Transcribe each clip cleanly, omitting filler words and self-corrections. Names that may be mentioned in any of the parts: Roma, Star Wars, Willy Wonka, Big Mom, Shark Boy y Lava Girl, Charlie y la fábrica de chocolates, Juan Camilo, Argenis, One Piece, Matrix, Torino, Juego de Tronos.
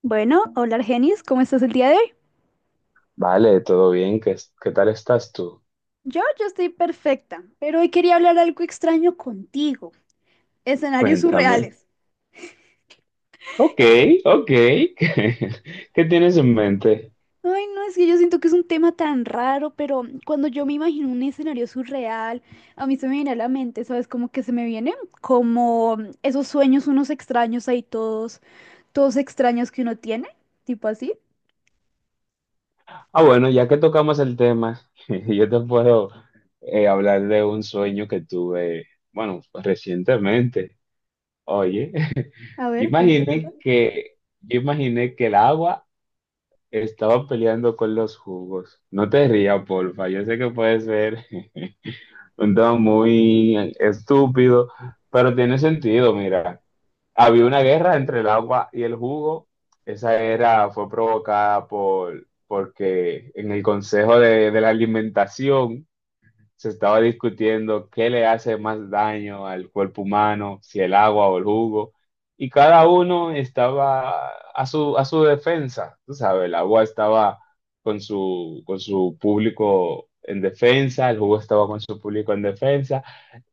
Bueno, hola Argenis, ¿cómo estás el día de hoy? Vale, todo bien. ¿Qué tal estás tú? Yo estoy perfecta, pero hoy quería hablar algo extraño contigo. Escenarios Cuéntame. surreales. Ok, ok. ¿Qué tienes en mente? Ay, no, es que yo siento que es un tema tan raro, pero cuando yo me imagino un escenario surreal, a mí se me viene a la mente, ¿sabes? Como que se me vienen como esos sueños unos extraños ahí todos, todos extraños que uno tiene, tipo así. Ah, bueno, ya que tocamos el tema, yo te puedo hablar de un sueño que tuve, bueno, recientemente. Oye, A ver, cuenta, cuenta. Yo imaginé que el agua estaba peleando con los jugos. No te rías, porfa. Yo sé que puede ser un tema muy estúpido, pero tiene sentido, mira. Había una guerra entre el agua y el jugo. Fue provocada porque en el Consejo de la Alimentación se estaba discutiendo qué le hace más daño al cuerpo humano, si el agua o el jugo, y cada uno estaba a su defensa, tú sabes, el agua estaba con su público en defensa, el jugo estaba con su público en defensa,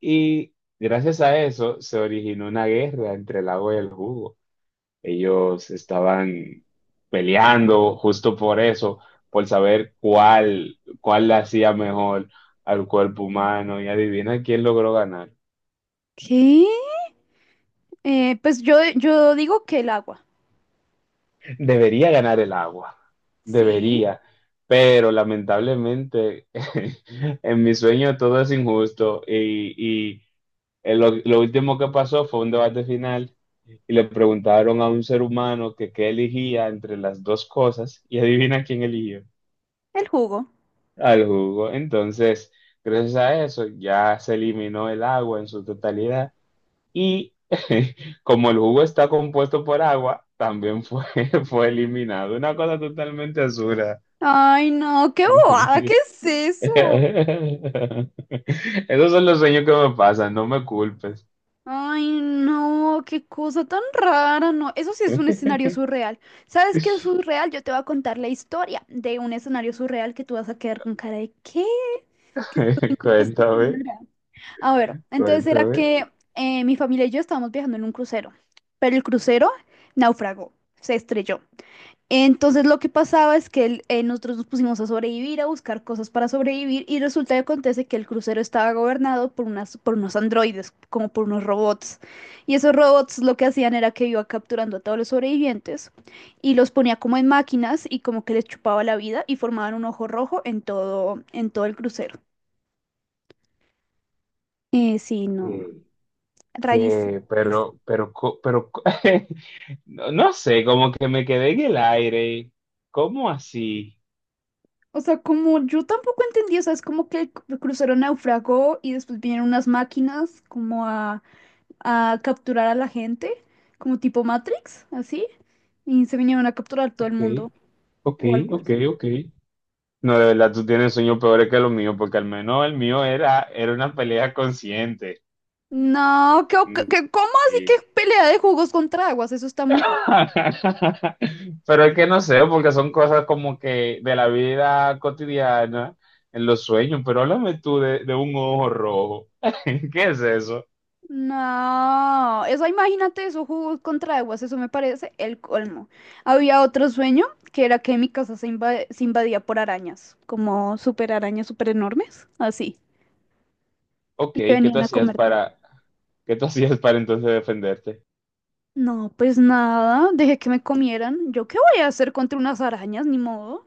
y gracias a eso se originó una guerra entre el agua y el jugo. Ellos estaban peleando justo por eso, por saber cuál le hacía mejor al cuerpo humano. Y adivina quién logró ganar. ¿Qué? Pues yo digo que el agua, Debería ganar el agua, sí, debería. Pero lamentablemente en mi sueño todo es injusto y lo último que pasó fue un debate final y le preguntaron a un ser humano que qué elegía entre las dos cosas y adivina quién eligió. el jugo. Al jugo. Entonces, gracias a eso ya se eliminó el agua en su totalidad y como el jugo está compuesto por agua, fue eliminado. Una cosa totalmente absurda. Ay, no, qué bobada, ¿qué es eso? Esos son los sueños que me pasan, no me culpes. Ay, no, qué cosa tan rara, no. Eso sí es un escenario surreal. ¿Sabes qué es surreal? Yo te voy a contar la historia de un escenario surreal que tú vas a quedar con cara de ¿qué? ¿Qué está haciendo esta Cuéntame, señora? A ver, entonces era cuéntame. que mi familia y yo estábamos viajando en un crucero, pero el crucero naufragó, se estrelló. Entonces lo que pasaba es que nosotros nos pusimos a sobrevivir, a buscar cosas para sobrevivir y resulta que acontece que el crucero estaba gobernado por unas, por unos androides, como por unos robots. Y esos robots lo que hacían era que iba capturando a todos los sobrevivientes y los ponía como en máquinas y como que les chupaba la vida y formaban un ojo rojo en todo el crucero. Sí, no, rarísimo, Que, rarísimo. Pero, co- no, no sé, como que me quedé en el aire. ¿Cómo así? O sea, como yo tampoco entendí, o sea, es como que el crucero naufragó y después vinieron unas máquinas como a capturar a la gente, como tipo Matrix, así, y se vinieron a capturar todo el Ok, mundo ok, o algo ok, así. ok. No, de verdad, tú tienes sueños peores que los míos, porque al menos el mío era una pelea consciente. No, ¿qué, cómo así Y- que pelea de jugos contra aguas? Eso está muy raro. Pero es que no sé, porque son cosas como que de la vida cotidiana, en los sueños, pero háblame tú de un ojo rojo. ¿Qué es eso? No, eso imagínate eso, jugos contra aguas, eso me parece el colmo. Había otro sueño que era que mi casa se, se invadía por arañas, como super arañas super enormes, así, Ok, y que ¿qué tú venían a hacías comerte. para... ¿Qué tú hacías para entonces defenderte? No, pues nada, dejé que me comieran. ¿Yo qué voy a hacer contra unas arañas? Ni modo.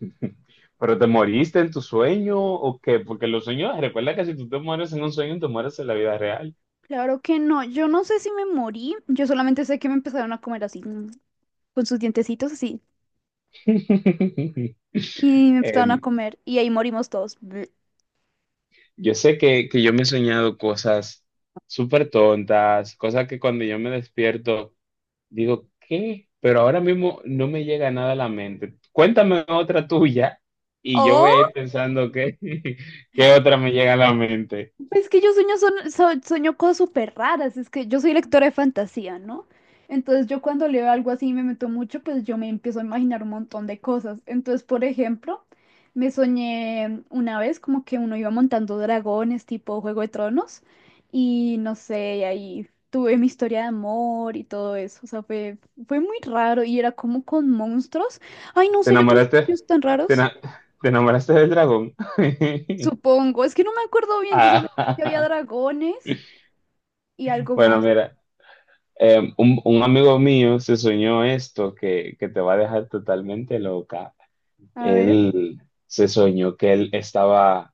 ¿Pero te moriste en tu sueño o qué? Porque los sueños, recuerda que si tú te mueres en un sueño, te mueres en la vida real. Claro que no, yo no sé si me morí, yo solamente sé que me empezaron a comer así, con sus dientecitos así, y me empezaron a Em, comer, y ahí morimos todos. yo sé que yo me he soñado cosas súper tontas, cosas que cuando yo me despierto digo, ¿qué? Pero ahora mismo no me llega nada a la mente. Cuéntame otra tuya y yo voy a ir ¡Oh! pensando qué, qué otra me llega a la mente. Es que yo sueño, sueño cosas súper raras, es que yo soy lectora de fantasía, ¿no? Entonces yo cuando leo algo así y me meto mucho, pues yo me empiezo a imaginar un montón de cosas. Entonces, por ejemplo, me soñé una vez como que uno iba montando dragones tipo Juego de Tronos y no sé, ahí tuve mi historia de amor y todo eso. O sea, fue, fue muy raro y era como con monstruos. Ay, no ¿Te sé, yo tengo enamoraste? sueños tan ¿Te, raros. ena- Te enamoraste del dragón? Supongo, es que no me acuerdo bien, yo solamente sé que había Ah, dragones y algo bueno, más. mira, un amigo mío se soñó esto que te va a dejar totalmente loca. A ver. Él se soñó que él estaba, o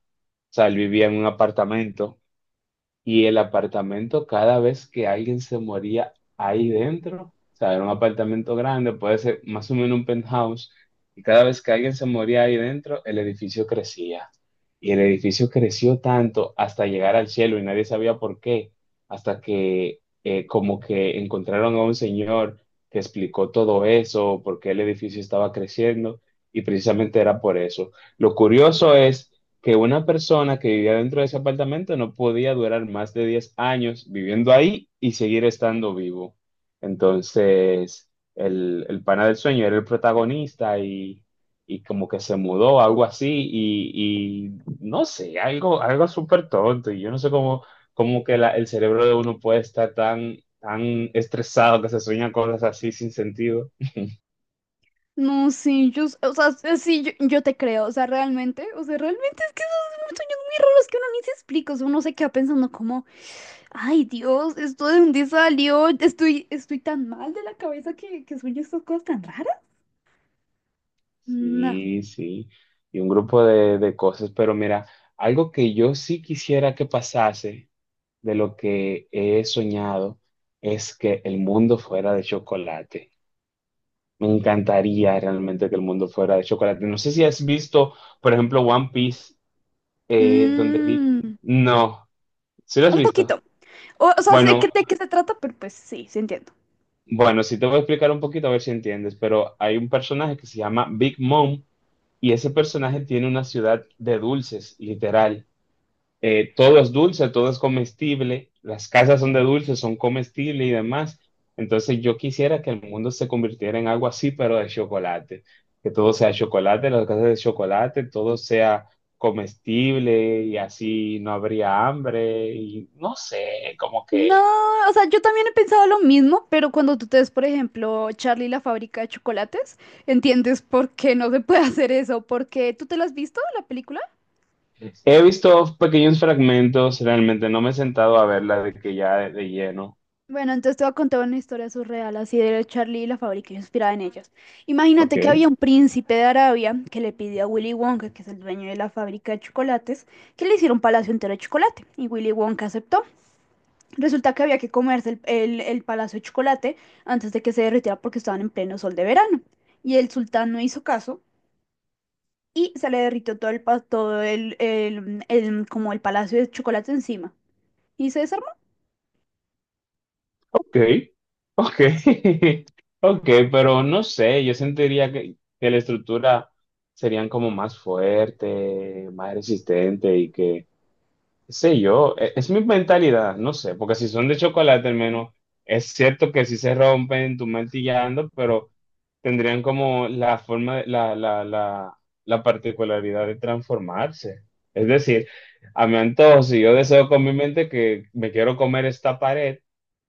sea, él vivía en un apartamento. Y el apartamento, cada vez que alguien se moría ahí dentro, o sea, era un apartamento grande, puede ser más o menos un penthouse, y cada vez que alguien se moría ahí dentro, el edificio crecía. Y el edificio creció tanto hasta llegar al cielo y nadie sabía por qué, hasta que como que encontraron a un señor que explicó todo eso, por qué el edificio estaba creciendo, y precisamente era por eso. Lo curioso es que una persona que vivía dentro de ese apartamento no podía durar más de 10 años viviendo ahí y seguir estando vivo. Entonces, el pana del sueño era el protagonista y como que se mudó, algo así, y no sé, algo, algo súper tonto. Y yo no sé cómo, el cerebro de uno puede estar tan estresado que se sueñan cosas así sin sentido. No, sí, yo, o sea, sí, yo te creo, o sea, realmente es que esos son sueños muy raros que uno ni se explica, o sea, uno se queda pensando como, ay, Dios, esto de dónde salió, estoy tan mal de la cabeza que sueño estas cosas tan raras. No. Sí, sí, y un grupo de cosas, pero mira, algo que yo sí quisiera que pasase de lo que he soñado es que el mundo fuera de chocolate. Me encantaría realmente que el mundo fuera de chocolate. No sé si has visto, por ejemplo, One Piece, donde vi... Mm, No, ¿sí lo has un poquito. visto? O sea, sé que, Bueno, de qué se trata, pero pues sí, se entiende. bueno, sí te voy a explicar un poquito a ver si entiendes, pero hay un personaje que se llama Big Mom y ese personaje tiene una ciudad de dulces, literal. Eh, todo es dulce, todo es comestible, las casas son de dulce, son comestibles y demás. Entonces yo quisiera que el mundo se convirtiera en algo así, pero de chocolate, que todo sea chocolate, las casas de chocolate, todo sea comestible y así no habría hambre y no sé, como No, que o sea, yo también he pensado lo mismo, pero cuando tú te ves, por ejemplo, Charlie y la fábrica de chocolates, entiendes por qué no se puede hacer eso, porque tú te lo has visto, la película. he visto pequeños fragmentos, realmente no me he sentado a verla de que ya de lleno. Bueno, entonces te voy a contar una historia surreal, así de Charlie y la fábrica inspirada en ellos. Ok. Imagínate que había un príncipe de Arabia que le pidió a Willy Wonka, que es el dueño de la fábrica de chocolates, que le hiciera un palacio entero de chocolate, y Willy Wonka aceptó. Resulta que había que comerse el palacio de chocolate antes de que se derritiera porque estaban en pleno sol de verano. Y el sultán no hizo caso y se le derritió todo todo como el palacio de chocolate encima. Y se desarmó. Ok, ok, ok, pero no sé, yo sentiría que la estructura serían como más fuerte, más resistente qué sé yo, es, mi mentalidad, no sé, porque si son de chocolate al menos, es cierto que si se rompen, tú martillando, pero tendrían como la forma, la particularidad de transformarse. Es decir, a mi antojo, si yo deseo con mi mente que me quiero comer esta pared,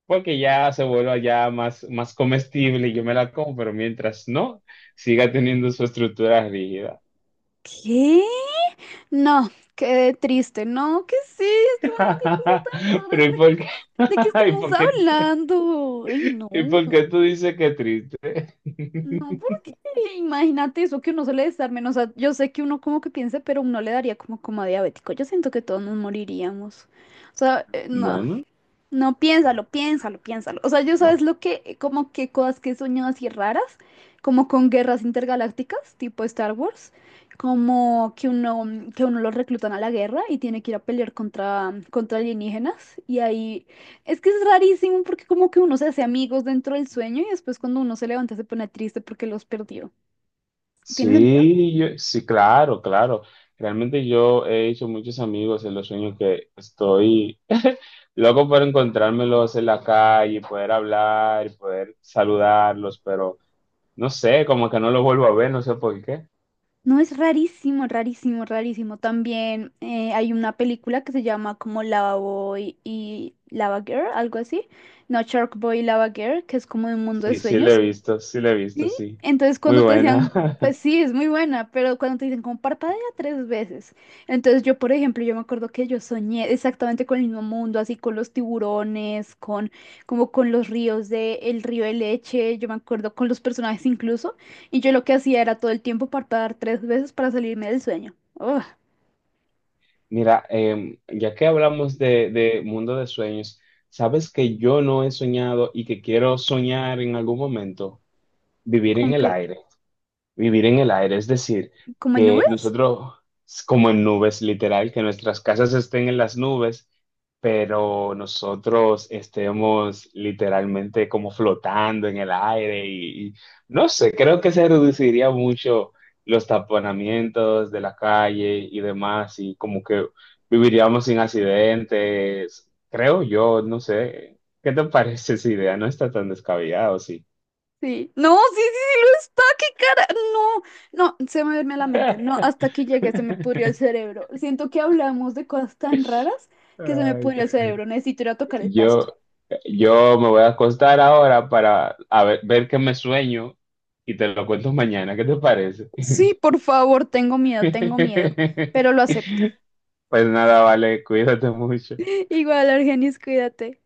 porque ya se vuelva ya más comestible y yo me la como, pero mientras no, siga teniendo su estructura rígida. ¿Qué? No, qué triste. No, ¿qué es esto? No, qué cosa tan rara. Pero ¿y por qué? De qué ¿Y estamos por qué, hablando? Ay, no. y por qué tú dices que triste? No, porque imagínate eso que uno suele estar menos, yo sé que uno como que piense, pero uno le daría como como a diabético. Yo siento que todos nos moriríamos. O sea, no. Bueno, No, piénsalo, piénsalo, piénsalo. O sea, yo sabes lo que, como que cosas que he soñado así raras, como con guerras intergalácticas, tipo Star Wars, como que uno, que uno lo reclutan a la guerra y tiene que ir a pelear contra, contra alienígenas. Y ahí, es que es rarísimo porque como que uno se hace amigos dentro del sueño y después cuando uno se levanta se pone triste porque los perdió. ¿Tiene sentido? sí, sí, claro, claro. Realmente yo he hecho muchos amigos en los sueños que estoy loco por encontrármelos en la calle, y poder hablar, y poder saludarlos, pero no sé, como que no los vuelvo a ver, no sé por qué. No, es rarísimo, rarísimo, rarísimo. También hay una película que se llama como Lava Boy y Lava Girl, algo así. No, Shark Boy y Lava Girl, que es como de un mundo de Sí, sí la he sueños. visto, sí la he visto, ¿Sí? sí. Entonces Muy cuando te buena. decían, pues sí, es muy buena, pero cuando te dicen como parpadea tres veces. Entonces yo, por ejemplo, yo me acuerdo que yo soñé exactamente con el mismo mundo, así con los tiburones, con como con los ríos de el río de leche, yo me acuerdo con los personajes incluso, y yo lo que hacía era todo el tiempo parpadear tres veces para salirme del sueño. Ugh, Mira, em, ya que hablamos de mundo de sueños, ¿sabes que yo no he soñado y que quiero soñar en algún momento? Vivir en ¿con el qué? aire. Vivir en el aire, es decir, ¿Como en que nubes? nosotros, como en nubes, literal, que nuestras casas estén en las nubes, pero nosotros estemos literalmente como flotando en el aire y no sé, creo que se reduciría mucho los taponamientos de la calle y demás, y como que viviríamos sin accidentes, creo yo, no sé. ¿Qué te parece esa idea? No está tan descabellado, sí. Sí. No, sí, sí, sí lo está, qué cara. No, no, se me duerme la mente. No, hasta aquí llegué, se me pudrió el cerebro. Siento que hablamos de cosas tan raras que se me Ay, pudrió el cerebro. Necesito ir a tocar el yo, pasto. Yo me voy a acostar ahora para a ver, ver qué me sueño y te lo cuento mañana. ¿Qué te parece? Sí, por favor, tengo miedo, pero lo acepto. Pues nada, vale, cuídate mucho. Igual, Argenis, cuídate.